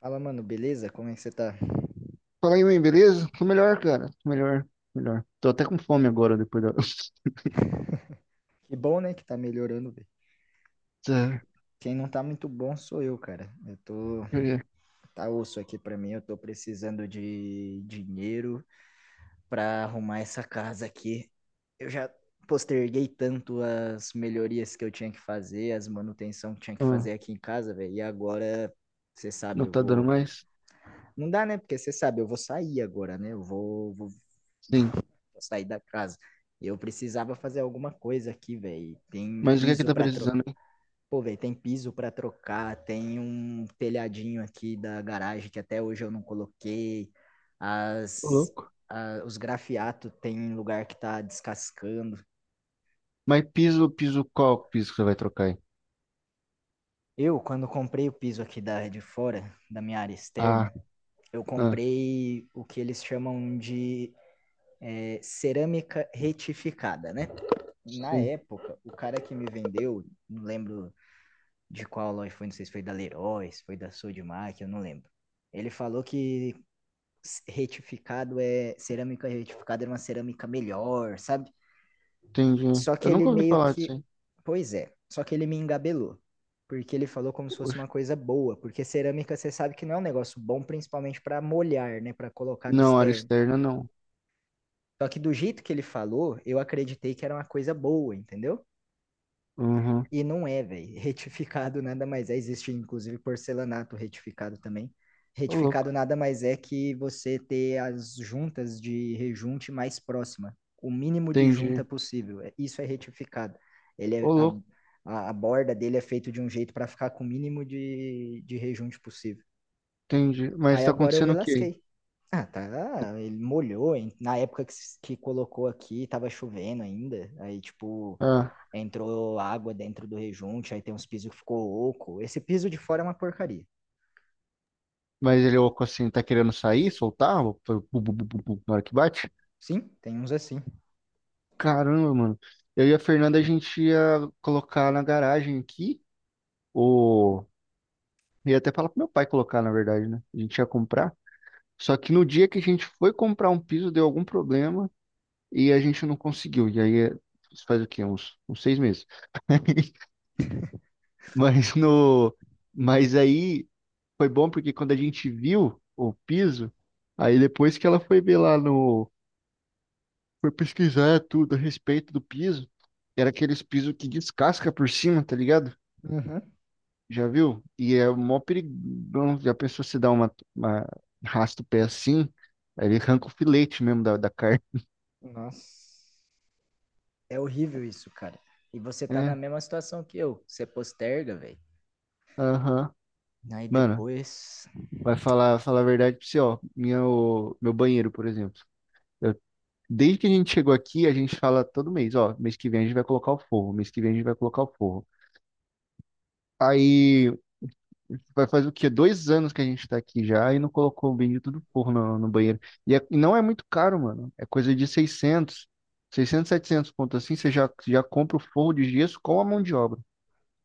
Fala, mano, beleza? Como é que você tá? Fala aí, mãe, beleza? Tô melhor, cara. Tô melhor, melhor. Tô até com fome agora, depois daQue bom, né, que tá melhorando, velho. Tá, deixa Quem não tá muito bom sou eu, cara. Eu ver. Tá osso aqui pra mim, eu tô precisando de dinheiro pra arrumar essa casa aqui. Eu já posterguei tanto as melhorias que eu tinha que fazer, as manutenção que tinha que Ah, fazer aqui em casa, velho. E agora, você não sabe, eu tá dando vou mais? não dá, né? Porque você sabe, eu vou sair agora, né? Eu Sim. vou sair da casa. Eu precisava fazer alguma coisa aqui, velho. Tem Mas o que é que piso tá pra trocar. precisando, hein? Pô, velho, tem piso pra trocar. Tem um telhadinho aqui da garagem que até hoje eu não coloquei. Ô, As, louco. Os grafiatos tem um lugar que tá descascando. Mas piso, piso qual piso que você vai trocar aí? Eu, quando comprei o piso aqui de fora, da minha área Ah, externa, eu ah, comprei o que eles chamam de cerâmica retificada, né? Na sim. época, o cara que me vendeu, não lembro de qual loja foi, não sei se foi da Leroy, se foi da Sodimac, eu não lembro. Ele falou que retificado é cerâmica retificada era uma cerâmica melhor, sabe? Entendi. Só que Eu ele nunca ouvi meio falar disso, que, hein? pois é, só que ele me engabelou, porque ele falou como se fosse Oxe. uma coisa boa, porque cerâmica você sabe que não é um negócio bom, principalmente para molhar, né, para colocar no Não, área externo. externa, não. Só que do jeito que ele falou, eu acreditei que era uma coisa boa, entendeu? Uhum. E não é, velho. Retificado nada mais é. Existe, inclusive, porcelanato retificado também. Ô, Retificado louco. nada mais é que você ter as juntas de rejunte mais próxima. O mínimo de junta Entendi. possível. É, isso é retificado. Ele é, Ô, louco. A borda dele é feita de um jeito para ficar com o mínimo de rejunte possível. Entendi. Mas Aí tá agora eu me acontecendo o quê aí? lasquei. Ah, tá. Ele molhou, hein? Na época que, s- que colocou aqui, tava chovendo ainda. Aí, tipo, Ah, entrou água dentro do rejunte, aí tem uns pisos que ficou oco. Esse piso de fora é uma porcaria. mas ele, ô, assim, tá querendo sair, soltar? Ô, bu- bu- bu- bu- bu- na hora que bate? Sim, tem uns assim. Caramba, mano. Eu e a Fernanda, a gente ia colocar na garagem aqui, ou ia até falar pro meu pai colocar, na verdade, né? A gente ia comprar. Só que no dia que a gente foi comprar um piso, deu algum problema e a gente não conseguiu. E aí, isso faz o quê? Uns 6 meses. Mas no, mas aí foi bom porque quando a gente viu o piso, aí depois que ela foi ver lá no, foi pesquisar tudo a respeito do piso, era aqueles piso que descasca por cima, tá ligado? Uhum. Já viu? E é mó perigão. Já pensou se dá uma raspa o pé assim? Aí ele arranca o filete mesmo da carne. Nossa. É horrível isso, cara. E você tá na É, mesma situação que eu. Você posterga, velho. aham. Aí Mano, depois. vai falar a verdade pra você, ó. Meu banheiro, por exemplo. Eu- desde que a gente chegou aqui, a gente fala todo mês, ó. Mês que vem a gente vai colocar o forro. Mês que vem a gente vai colocar o forro. Aí. Vai fazer o quê? 2 anos que a gente tá aqui já e não colocou o bendito do porro no banheiro. E não é muito caro, mano. É coisa de seiscentos 700 ponto assim. Você já compra o forro de gesso com a mão de obra.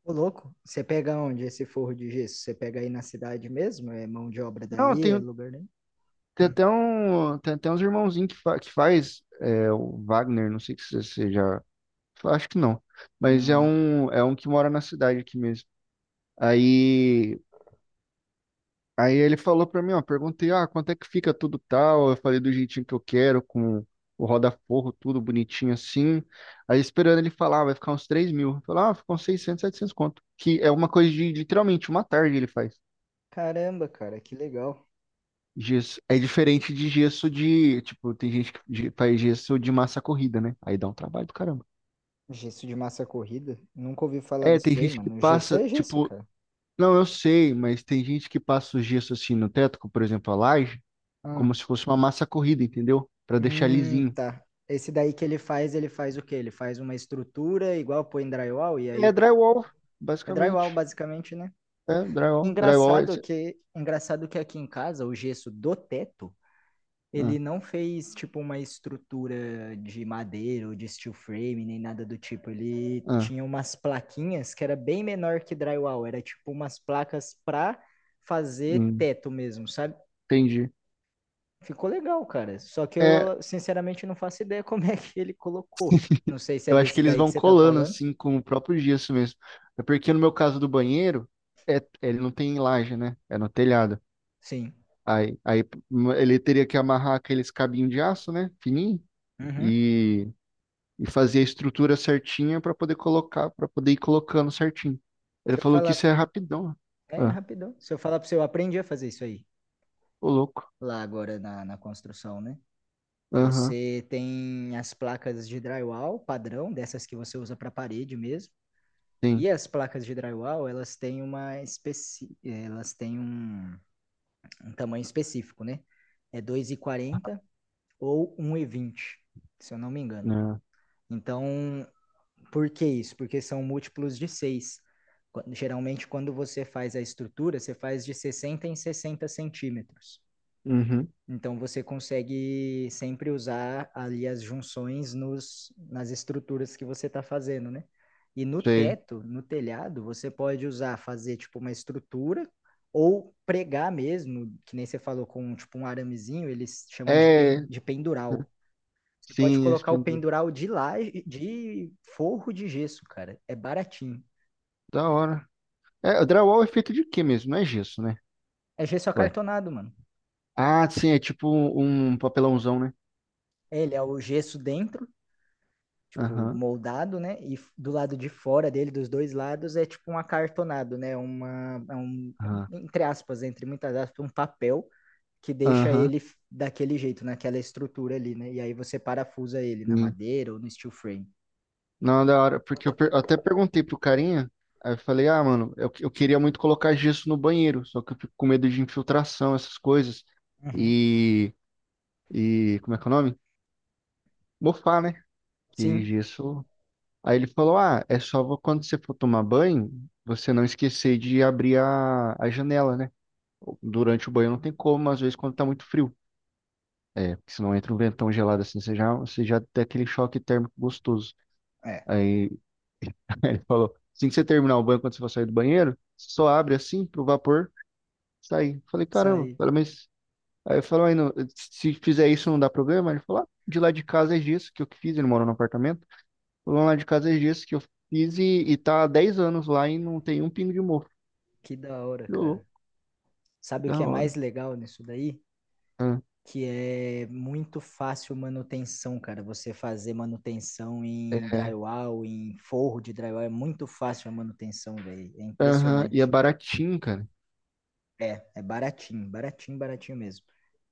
Ô, louco, você pega onde esse forro de gesso? Você pega aí na cidade mesmo? É mão de obra Não, daí? É tem, lugar nenhum? tem até um, tem até uns irmãozinhos que faz é, o Wagner, não sei se você já. Acho que não. Mas é Não. um, é um que mora na cidade aqui mesmo. Aí Aí ele falou pra mim, ó, perguntei, ah, quanto é que fica tudo tal? Eu falei do jeitinho que eu quero, com o roda-forro, tudo bonitinho assim. Aí esperando ele falar, vai ficar uns 3 mil. Falar, ah, ficou uns 600, 700 conto. Que é uma coisa de literalmente uma tarde ele faz. Caramba, cara, que legal. Gesso. É diferente de gesso de, tipo, tem gente que faz gesso de massa corrida, né? Aí dá um trabalho do caramba. Gesso de massa corrida? Nunca ouvi falar É, nisso tem daí, gente que mano. Gesso passa, é gesso, tipo, cara. não, eu sei, mas tem gente que passa o gesso assim no teto, como, por exemplo, a laje, Ah, como se fosse uma massa corrida, entendeu? Pra deixar lisinho. tá. Esse daí que ele faz o quê? Ele faz uma estrutura igual põe drywall e É aí drywall, é drywall basicamente. basicamente, né? É drywall. Drywall é esse. Engraçado que aqui em casa o gesso do teto, Ah, ele não fez tipo uma estrutura de madeira ou de steel frame nem nada do tipo. Ele ah, tinha umas plaquinhas que era bem menor que drywall, era tipo umas placas pra fazer hum, teto mesmo, sabe? entendi. Ficou legal, cara. Só que É, eu, sinceramente, não faço ideia como é que ele colocou. Não sei se é eu acho que desse eles daí que vão você tá colando falando. assim com o próprio gesso mesmo. É porque no meu caso do banheiro, ele não tem laje, né? É no telhado. Sim. Aí ele teria que amarrar aqueles cabinhos de aço, né? Fininho. Uhum. E, e fazer a estrutura certinha para poder colocar, para poder ir colocando certinho. Ele Se eu falou que isso é falar. rapidão. É, Ah, rapidão. Se eu falar pra você, eu aprendi a fazer isso aí. ô louco. Lá agora na construção, né? Aham, Você tem as placas de drywall padrão, dessas que você usa pra parede mesmo. sim. E as placas de drywall, elas têm um tamanho específico, né? É 2,40 ou 1,20, se eu não me engano. Ah, Então, por que isso? Porque são múltiplos de seis. Geralmente, quando você faz a estrutura, você faz de 60 em 60 centímetros. uhum, Então, você consegue sempre usar ali as junções nas estruturas que você está fazendo, né? E no sei. teto, no telhado, você pode usar, fazer tipo uma estrutura ou pregar mesmo, que nem você falou, com tipo um aramezinho, eles chamam de, pen, É, de pendural. Você pode sim, colocar o expandido. pendural de lá, de forro de gesso, cara. É baratinho. Da hora. É, o drywall é feito de quê mesmo? Não é gesso, né? É gesso Ué. acartonado, mano. Ah, sim, é tipo um papelãozão, né? É, ele é o gesso dentro, tipo, Aham, moldado, né? E do lado de fora dele, dos dois lados, é tipo um acartonado, né? Aham, Entre aspas, entre muitas aspas, um papel que deixa aham. ele daquele jeito, naquela estrutura ali, né? E aí você parafusa ele na Sim. madeira ou no steel frame. Não, da hora, porque eu até perguntei pro carinha, aí eu falei, ah, mano, eu queria muito colocar gesso no banheiro, só que eu fico com medo de infiltração, essas coisas. Uhum. E, e como é que é o nome? Mofar, né? Que Sim, gesso. Aí ele falou, ah, é só quando você for tomar banho, você não esquecer de abrir a janela, né? Durante o banho não tem como, mas às vezes quando tá muito frio. É, porque senão entra um ventão gelado assim, você já tem aquele choque térmico gostoso. é. Aí ele falou, assim que você terminar o banho, quando você for sair do banheiro, você só abre assim pro vapor sair. Falei, Isso caramba. aí. Falei, mas. Aí eu falei, "Mas se fizer isso não dá problema?" Ele falou, ah, de lá de casa é gesso que eu que fiz, ele mora no apartamento. Falou, lá de casa é gesso que eu fiz e tá há 10 anos lá e não tem um pingo de mofo. Que da hora, Falei, "Ô, cara. louco, Sabe o da que é hora." mais legal nisso daí? Ah, Que é muito fácil manutenção, cara. Você fazer manutenção em é, drywall, em forro de drywall, é muito fácil a manutenção, velho. É aham, e é impressionante. baratinho, cara. É, é baratinho, baratinho, baratinho mesmo.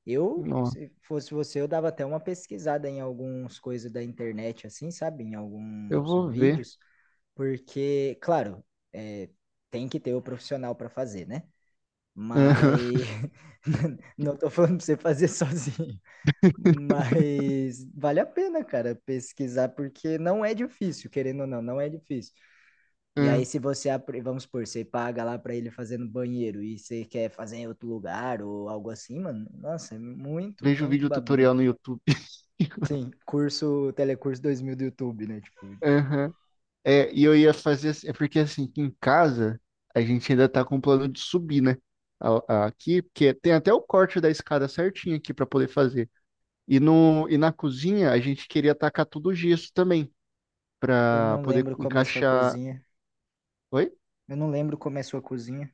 Eu, Nossa. se fosse você, eu dava até uma pesquisada em algumas coisas da internet, assim, sabe? Em Eu alguns vou ver. vídeos, porque, claro, é, tem que ter o profissional para fazer, né? Aham. Mas não tô falando pra você fazer sozinho. Mas vale a pena, cara, pesquisar, porque não é difícil, querendo ou não, não é difícil. E aí, Aham. se você, apre- vamos supor, você paga lá pra ele fazer no banheiro e você quer fazer em outro lugar ou algo assim, mano, nossa, é muito, Vejo muito vídeo babinha. tutorial no YouTube. Sim, curso, Telecurso 2000 do YouTube, né? Tipo, Aham. É, e eu ia fazer assim, é porque assim, aqui em casa a gente ainda tá com o plano de subir, né? Aqui, porque tem até o corte da escada certinho aqui pra poder fazer. E, no, e na cozinha a gente queria tacar tudo gesso também, eu pra não poder lembro como é sua encaixar. cozinha. Oi? Eu não lembro como é sua cozinha.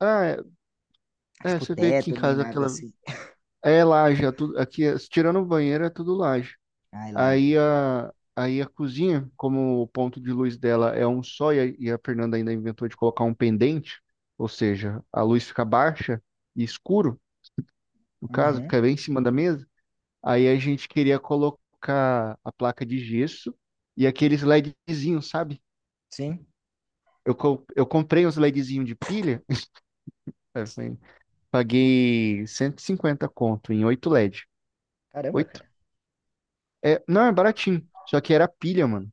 Ah, é, é, Tipo, você vê aqui em teto, nem casa nada aquela. assim. É laje, é tudo, aqui, tirando o banheiro, é tudo laje. Ai, laje. Aí a cozinha, como o ponto de luz dela é um só, e a Fernanda ainda inventou de colocar um pendente, ou seja, a luz fica baixa e escuro, no caso, Uhum, fica bem em cima da mesa. Aí a gente queria colocar a placa de gesso e aqueles LEDzinhos, sabe? sim. Eu comprei uns LEDzinhos de pilha, assim, paguei 150 conto em 8 LED. Caramba, Oito. cara. É, não, é baratinho, só que era pilha, mano.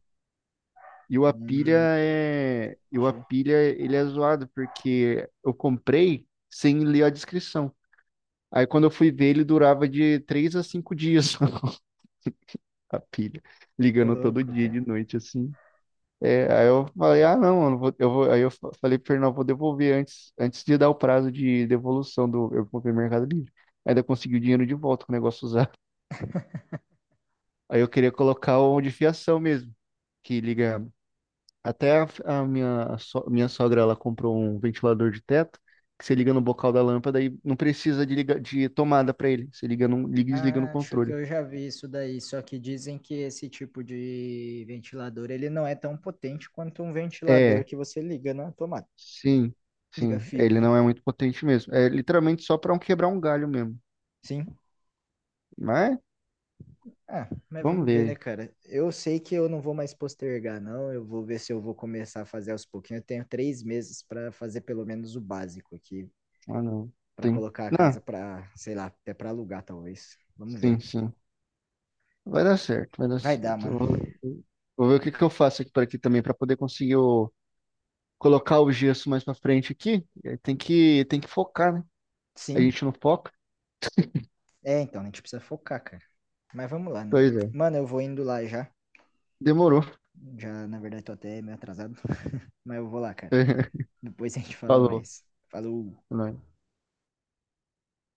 E o Hum, Apilha é, e o entendi. Apilha ele é zoado porque eu comprei sem ler a descrição. Aí quando eu fui ver ele durava de 3 a 5 dias a pilha, Ô, ligando todo louco, dia de cara. noite assim. É, aí eu falei, ah não, eu não vou, eu vou, aí eu falei pro Fernando, eu vou devolver antes, de dar o prazo de devolução do, eu comprei no Mercado Livre. Ainda consegui o dinheiro de volta com o negócio usado. Aí eu queria colocar o de fiação mesmo, que liga. Até a minha sogra, ela comprou um ventilador de teto que você liga no bocal da lâmpada e não precisa de, liga, de tomada para ele. Você liga e desliga no Acho que controle. eu já vi isso daí, só que dizem que esse tipo de ventilador, ele não é tão potente quanto um ventilador É, que você liga na tomada. sim, Liga sim. É, fio, ele né? não é muito potente mesmo. É literalmente só para um quebrar um galho mesmo. Sim. Mas Ah, mas vamos vamos ver ver, né, aí. cara? Eu sei que eu não vou mais postergar, não. Eu vou ver se eu vou começar a fazer aos pouquinhos. Eu tenho 3 meses para fazer pelo menos o básico aqui, Ah, não. para Tem. colocar a casa Não, para, sei lá, até para alugar, talvez. Vamos ver. sim, sim. Vai dar certo, vai dar Vai dar, certo. mano. Vou ver o que que eu faço aqui para aqui também para poder conseguir colocar o gesso mais para frente aqui. É. Tem que focar, né? A Sim. gente não foca. É, então, a gente precisa focar, cara. Mas vamos lá, né? Pois é. Mano, eu vou indo lá já. Demorou. Já, na verdade, tô até meio atrasado, mas eu vou lá, cara. Depois a gente fala Falou, mais. Falou! né?